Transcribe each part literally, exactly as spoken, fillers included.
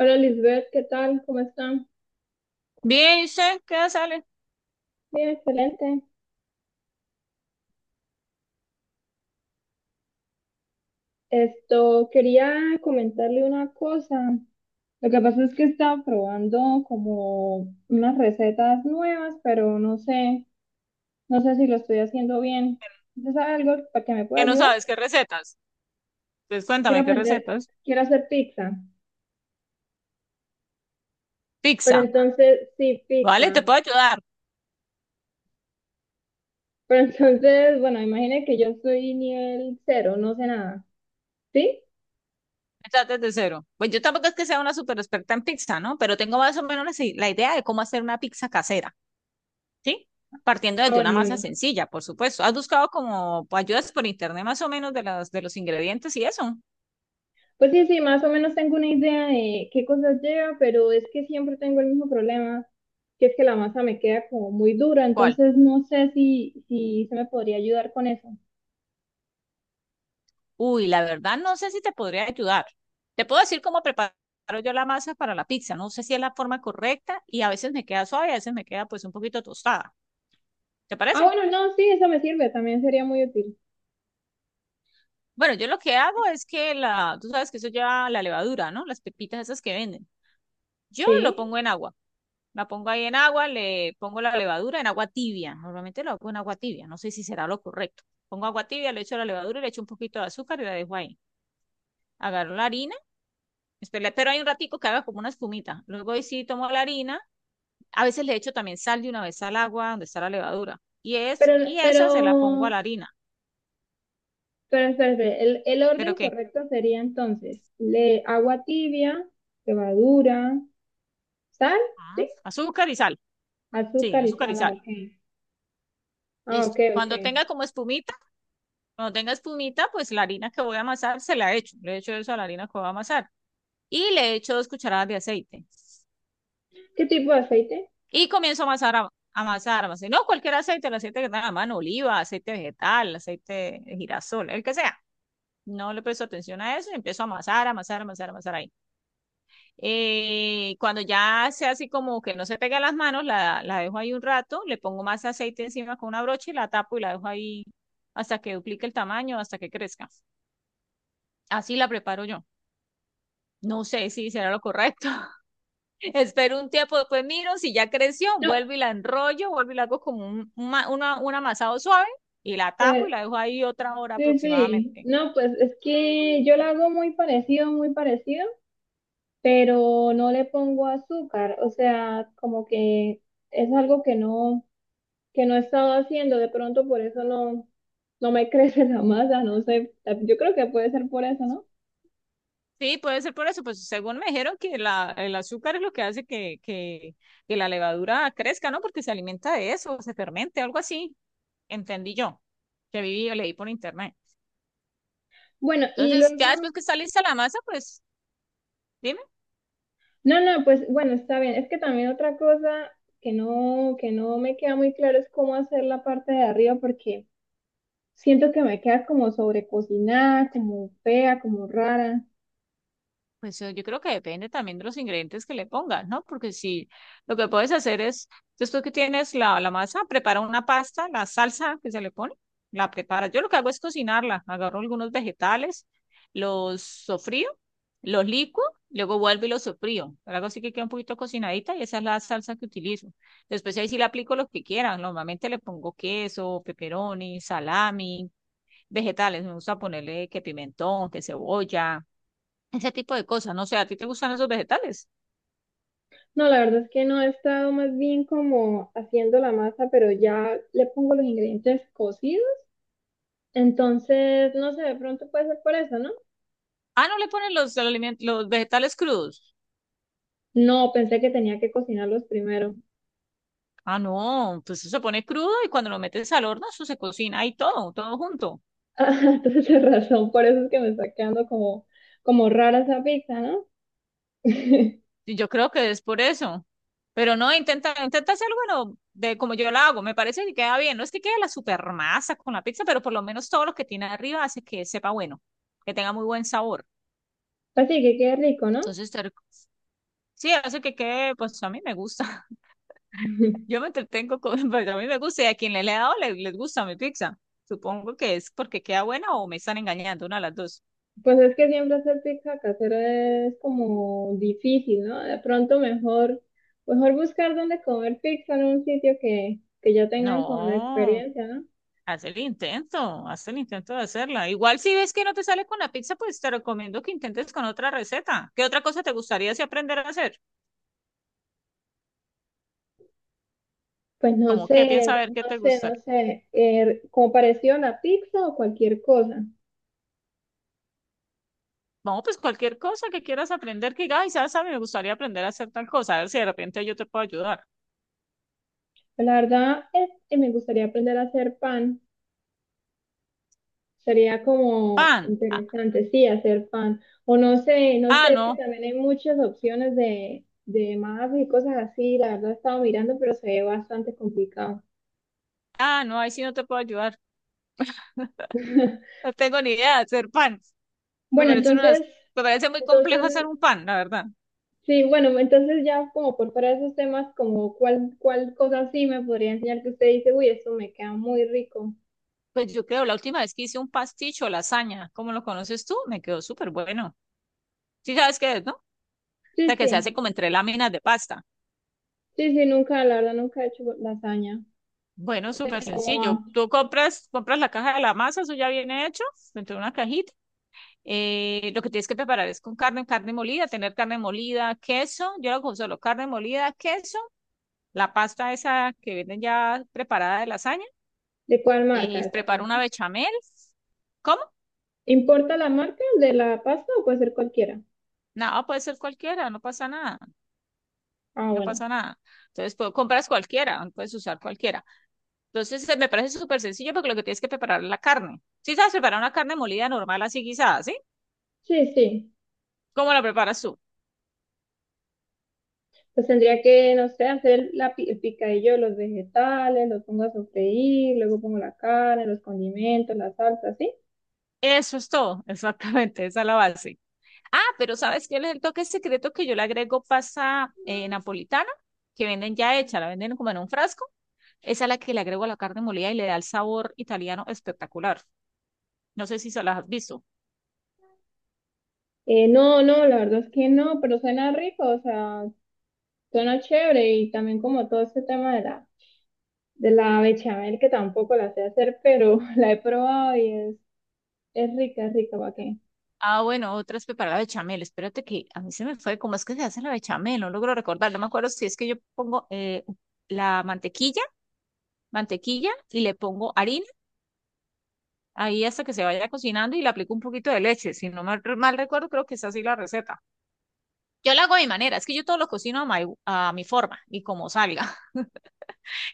Hola Lisbeth, ¿qué tal? ¿Cómo están? Bien, ¿y usted qué sale? Bien, excelente. Esto, quería comentarle una cosa. Lo que pasa es que estaba probando como unas recetas nuevas, pero no sé, no sé si lo estoy haciendo bien. ¿Usted sabe algo para que me pueda Que no ayudar? sabes qué recetas. Pues Quiero cuéntame qué aprender, recetas. quiero hacer pizza, pero Pizza, entonces, sí, ¿vale? pizza. Te puedo ayudar. Pero entonces, bueno, imagine que yo soy nivel cero, no sé nada. ¿Sí? Estás desde cero. Pues yo tampoco es que sea una super experta en pizza, ¿no? Pero tengo más o menos la si- la idea de cómo hacer una pizza casera, ¿sí? Partiendo Ah, desde una bueno, masa bueno. sencilla, por supuesto. ¿Has buscado como ayudas por internet más o menos de las, de los ingredientes y eso? Pues sí, sí, más o menos tengo una idea de qué cosas lleva, pero es que siempre tengo el mismo problema, que es que la masa me queda como muy dura, ¿Cuál? entonces no sé si, si se me podría ayudar con eso. Uy, la verdad no sé si te podría ayudar. Te puedo decir cómo preparo yo la masa para la pizza. No sé si es la forma correcta y a veces me queda suave, a veces me queda pues un poquito tostada. ¿Te Ah, parece? bueno, no, sí, eso me sirve, también sería muy útil. Bueno, yo lo que hago es que la, tú sabes que eso lleva la levadura, ¿no? Las pepitas esas que venden. Yo lo Sí, pongo en agua. La pongo ahí en agua, le pongo la levadura en agua tibia. Normalmente lo hago en agua tibia. No sé si será lo correcto. Pongo agua tibia, le echo la levadura, le echo un poquito de azúcar y la dejo ahí. Agarro la harina, espero, pero hay un ratico que haga como una espumita. Luego ahí sí tomo la harina. A veces le echo también sal de una vez al agua donde está la levadura. Y, es, pero, y esa se la pongo a pero, la harina. pero espérate, el, el ¿Pero orden qué? correcto sería entonces le, agua tibia, levadura, sal, ¿sí? Ah, azúcar y sal. Sí, Azúcar y azúcar y sal, ah, sal. ok. Ah, ok, Listo. ok. Cuando tenga como espumita, cuando tenga espumita, pues la harina que voy a amasar se la echo. Le echo eso a la harina que voy a amasar. Y le echo dos cucharadas de aceite. ¿Qué tipo de aceite? Y comienzo a amasar, a, amasar, amasar. No cualquier aceite, el aceite que tenga a mano, oliva, aceite vegetal, aceite de girasol, el que sea. No le presto atención a eso y empiezo a amasar, amasar, amasar, amasar ahí. Eh, cuando ya sea así como que no se pega las manos, la, la dejo ahí un rato, le pongo más aceite encima con una brocha y la tapo y la dejo ahí hasta que duplique el tamaño, hasta que crezca. Así la preparo yo. No sé si será lo correcto. Espero un tiempo, después miro si ya creció, No, vuelvo y la enrollo, vuelvo y la hago como un, un ma- una- un amasado suave y la tapo y pues la dejo ahí otra hora sí, sí, aproximadamente. no, pues es que yo la hago muy parecido, muy parecido, pero no le pongo azúcar, o sea, como que es algo que no, que no he estado haciendo, de pronto por eso no, no me crece la masa, no sé, yo creo que puede ser por eso, ¿no? Sí, puede ser por eso, pues según me dijeron que la, el azúcar es lo que hace que, que, que la levadura crezca, ¿no? Porque se alimenta de eso, se fermente, algo así, entendí yo, que viví o leí por internet. Bueno, y Entonces, luego, ya después que está lista la masa, pues dime. no, no, pues bueno, está bien, es que también otra cosa que no, que no me queda muy claro es cómo hacer la parte de arriba, porque siento que me queda como sobrecocinada, como fea, como rara. Pues eh, yo creo que depende también de los ingredientes que le pongas, ¿no? Porque si lo que puedes hacer es, después que tienes la, la masa, prepara una pasta, la salsa que se le pone, la prepara. Yo lo que hago es cocinarla, agarro algunos vegetales, los sofrío, los licuo, luego vuelvo y los sofrío. Pero hago así que queda un poquito cocinadita y esa es la salsa que utilizo. Después ahí sí le aplico lo que quieran. Normalmente le pongo queso, pepperoni, salami, vegetales. Me gusta ponerle que pimentón, que cebolla, ese tipo de cosas, no sé, ¿a ti te gustan esos vegetales? No, la verdad es que no he estado más bien como haciendo la masa, pero ya le pongo los ingredientes cocidos. Entonces, no sé, de pronto puede ser por eso, ¿no? Ah, no le ponen los, aliment- los vegetales crudos. No, pensé que tenía que cocinarlos primero. Ah, no, pues eso se pone crudo y cuando lo metes al horno, eso se cocina ahí todo, todo junto. Ah, entonces, tienes razón, por eso es que me está quedando como, como rara esa pizza, ¿no? Y yo creo que es por eso. Pero no, intenta, intenta hacerlo, bueno, de como yo lo hago, me parece que queda bien. No es que quede la super masa con la pizza, pero por lo menos todo lo que tiene arriba hace que sepa bueno, que tenga muy buen sabor. Así que quede rico, ¿no? Entonces, te rec- sí, hace que quede, pues a mí me gusta. Yo me entretengo con, pues a mí me gusta y a quien le, le he dado le- les gusta mi pizza. Supongo que es porque queda buena o me están engañando, una de las dos. Pues es que siempre hacer pizza casera es como difícil, ¿no? De pronto mejor, mejor buscar dónde comer pizza en un sitio que, que ya tengan como la No, experiencia, ¿no? haz el intento, haz el intento de hacerla. Igual si ves que no te sale con la pizza, pues te recomiendo que intentes con otra receta. ¿Qué otra cosa te gustaría si aprender a hacer? Pues no Como qué piensa a sé, ver qué no te sé, no gustaría. sé, eh, como parecido a la pizza o cualquier cosa. Vamos, pues cualquier cosa que quieras aprender, que digas, ay, sabes, a mí me gustaría aprender a hacer tal cosa, a ver si de repente yo te puedo ayudar. La verdad es que me gustaría aprender a hacer pan. Sería como Pan. Ah, interesante, sí, hacer pan. O no sé, no ah, sé, es que no. también hay muchas opciones de, de mapas y cosas así. La verdad he estado mirando, pero se ve bastante complicado. Ah, no, ahí sí no te puedo ayudar. No tengo ni idea de hacer pan. Me Bueno, parece una de las- entonces, me parece muy entonces, complejo hacer un pan, la verdad. sí, bueno, entonces ya como por fuera de esos temas, como cuál, cuál cosa sí me podría enseñar que usted dice, uy, esto me queda muy rico. Pues yo creo, la última vez que hice un pasticho o lasaña, como lo conoces tú, me quedó súper bueno. Sí sabes qué es, ¿no? O Sí, sea, que se hace sí, como entre láminas de pasta. sí, sí, nunca, la verdad, nunca he hecho lasaña. Bueno, súper ¿Cómo sencillo. va? Tú compras, compras la caja de la masa, eso ya viene hecho, dentro de una cajita. Eh, lo que tienes que preparar es con carne, carne molida, tener carne molida, queso. Yo lo hago solo carne molida, queso, la pasta esa que venden ya preparada de lasaña, ¿De cuál marca? eh, ¿De cuál preparo marca? una bechamel. ¿Cómo? ¿Importa la marca de la pasta o puede ser cualquiera? Nada, puede ser cualquiera, no pasa nada, Ah, no bueno. pasa nada. Entonces, pues, compras cualquiera, puedes usar cualquiera. Entonces, eh, me parece súper sencillo porque lo que tienes que preparar es la carne. Si sabes preparar una carne molida normal, así guisada, ¿sí? Sí, sí. ¿Cómo la preparas tú? Pues tendría que, no sé, hacer la, pi- el picadillo de los vegetales, los pongo a sofreír, luego pongo la carne, los condimentos, la salsa, ¿sí? Eso es todo, exactamente, esa es la base. Ah, pero ¿sabes qué es el toque secreto que yo le agrego pasa eh, napolitana? Que venden ya hecha, la venden como en un frasco. Esa es la que le agrego a la carne molida y le da el sabor italiano espectacular. No sé si se las has visto. Eh, no, no, la verdad es que no, pero suena rico, o sea, suena chévere y también como todo este tema de la, de la bechamel que tampoco la sé hacer, pero la he probado y es, es rica, es rica, ¿para qué? Ah, bueno, otra es preparar la bechamel. Espérate que a mí se me fue. ¿Cómo es que se hace la bechamel? No logro recordar. No me acuerdo si es que yo pongo eh, la mantequilla, mantequilla y le pongo harina ahí hasta que se vaya cocinando y le aplico un poquito de leche. Si no mal, mal recuerdo, creo que es así la receta. Yo la hago a mi manera. Es que yo todo lo cocino a, mi a mi forma y como salga.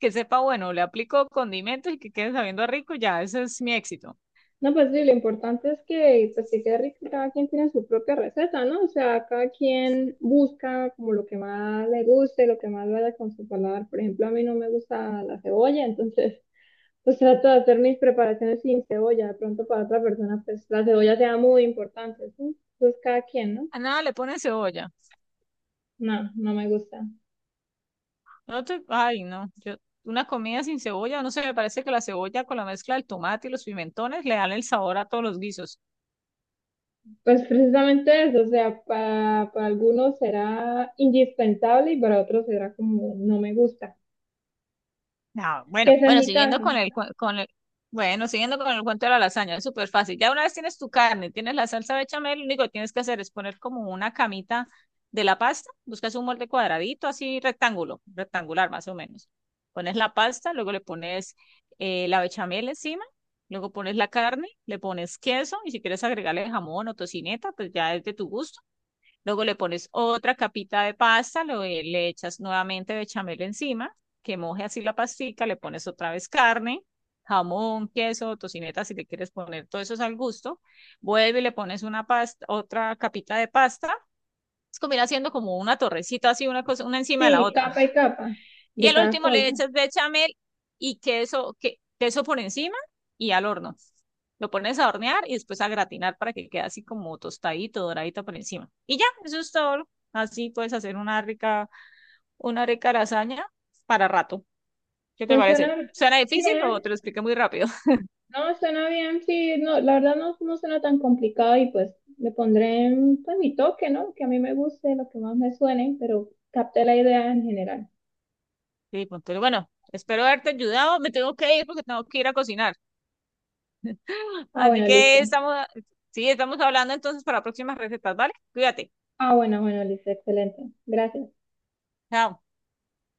Que sepa, bueno, le aplico condimentos y que quede sabiendo a rico. Ya, ese es mi éxito. No, pues sí, lo importante es que, pues, que quede rico, cada quien tiene su propia receta, ¿no? O sea, cada quien busca como lo que más le guste, lo que más vaya con su paladar. Por ejemplo, a mí no me gusta la cebolla, entonces, pues trato de hacer mis preparaciones sin cebolla. De pronto para otra persona, pues la cebolla sea muy importante, ¿sí? Entonces, cada quien, ¿no? A nada le ponen cebolla. No, no me gusta. No te, ay, no. Yo, una comida sin cebolla, no sé, me parece que la cebolla con la mezcla del tomate y los pimentones le dan el sabor a todos los guisos. Pues precisamente eso, o sea, para, para algunos será indispensable y para otros será como no me gusta, No, que bueno, ese es bueno, mi siguiendo caso. con el, cua- con el, bueno, siguiendo con el cuento de la lasaña, es súper fácil. Ya una vez tienes tu carne, tienes la salsa bechamel, lo único que tienes que hacer es poner como una camita de la pasta, buscas un molde cuadradito, así rectángulo, rectangular más o menos. Pones la pasta, luego le pones eh, la bechamel encima, luego pones la carne, le pones queso y si quieres agregarle jamón o tocineta, pues ya es de tu gusto. Luego le pones otra capita de pasta, lo- eh, le echas nuevamente bechamel encima, que moje así la pastica, le pones otra vez carne, jamón, queso, tocineta, si le quieres poner todo eso es al gusto. Vuelve y le pones una pasta, otra capita de pasta. Es como ir haciendo como una torrecita así, una cosa, una encima de la Sí, otra. capa y capa Y de al cada último le cosa. echas bechamel y queso, que, queso por encima y al horno. Lo pones a hornear y después a gratinar para que quede así como tostadito, doradito por encima. Y ya, eso es todo. Así puedes hacer una rica, una rica lasaña para rato. ¿Qué te Pues parece? suena ¿Suena difícil o bien, te lo expliqué muy rápido? no, suena bien, sí, no, la verdad no, no suena tan complicado y pues le pondré pues, mi toque, ¿no? Que a mí me guste, lo que más me suene, pero capté la idea en general. Sí, pues, pero bueno, espero haberte ayudado. Me tengo que ir porque tengo que ir a cocinar. Ah, Así bueno, listo. que estamos, sí, estamos hablando entonces para próximas recetas, ¿vale? Cuídate. Ah, bueno, bueno, listo, excelente. Gracias. Chao.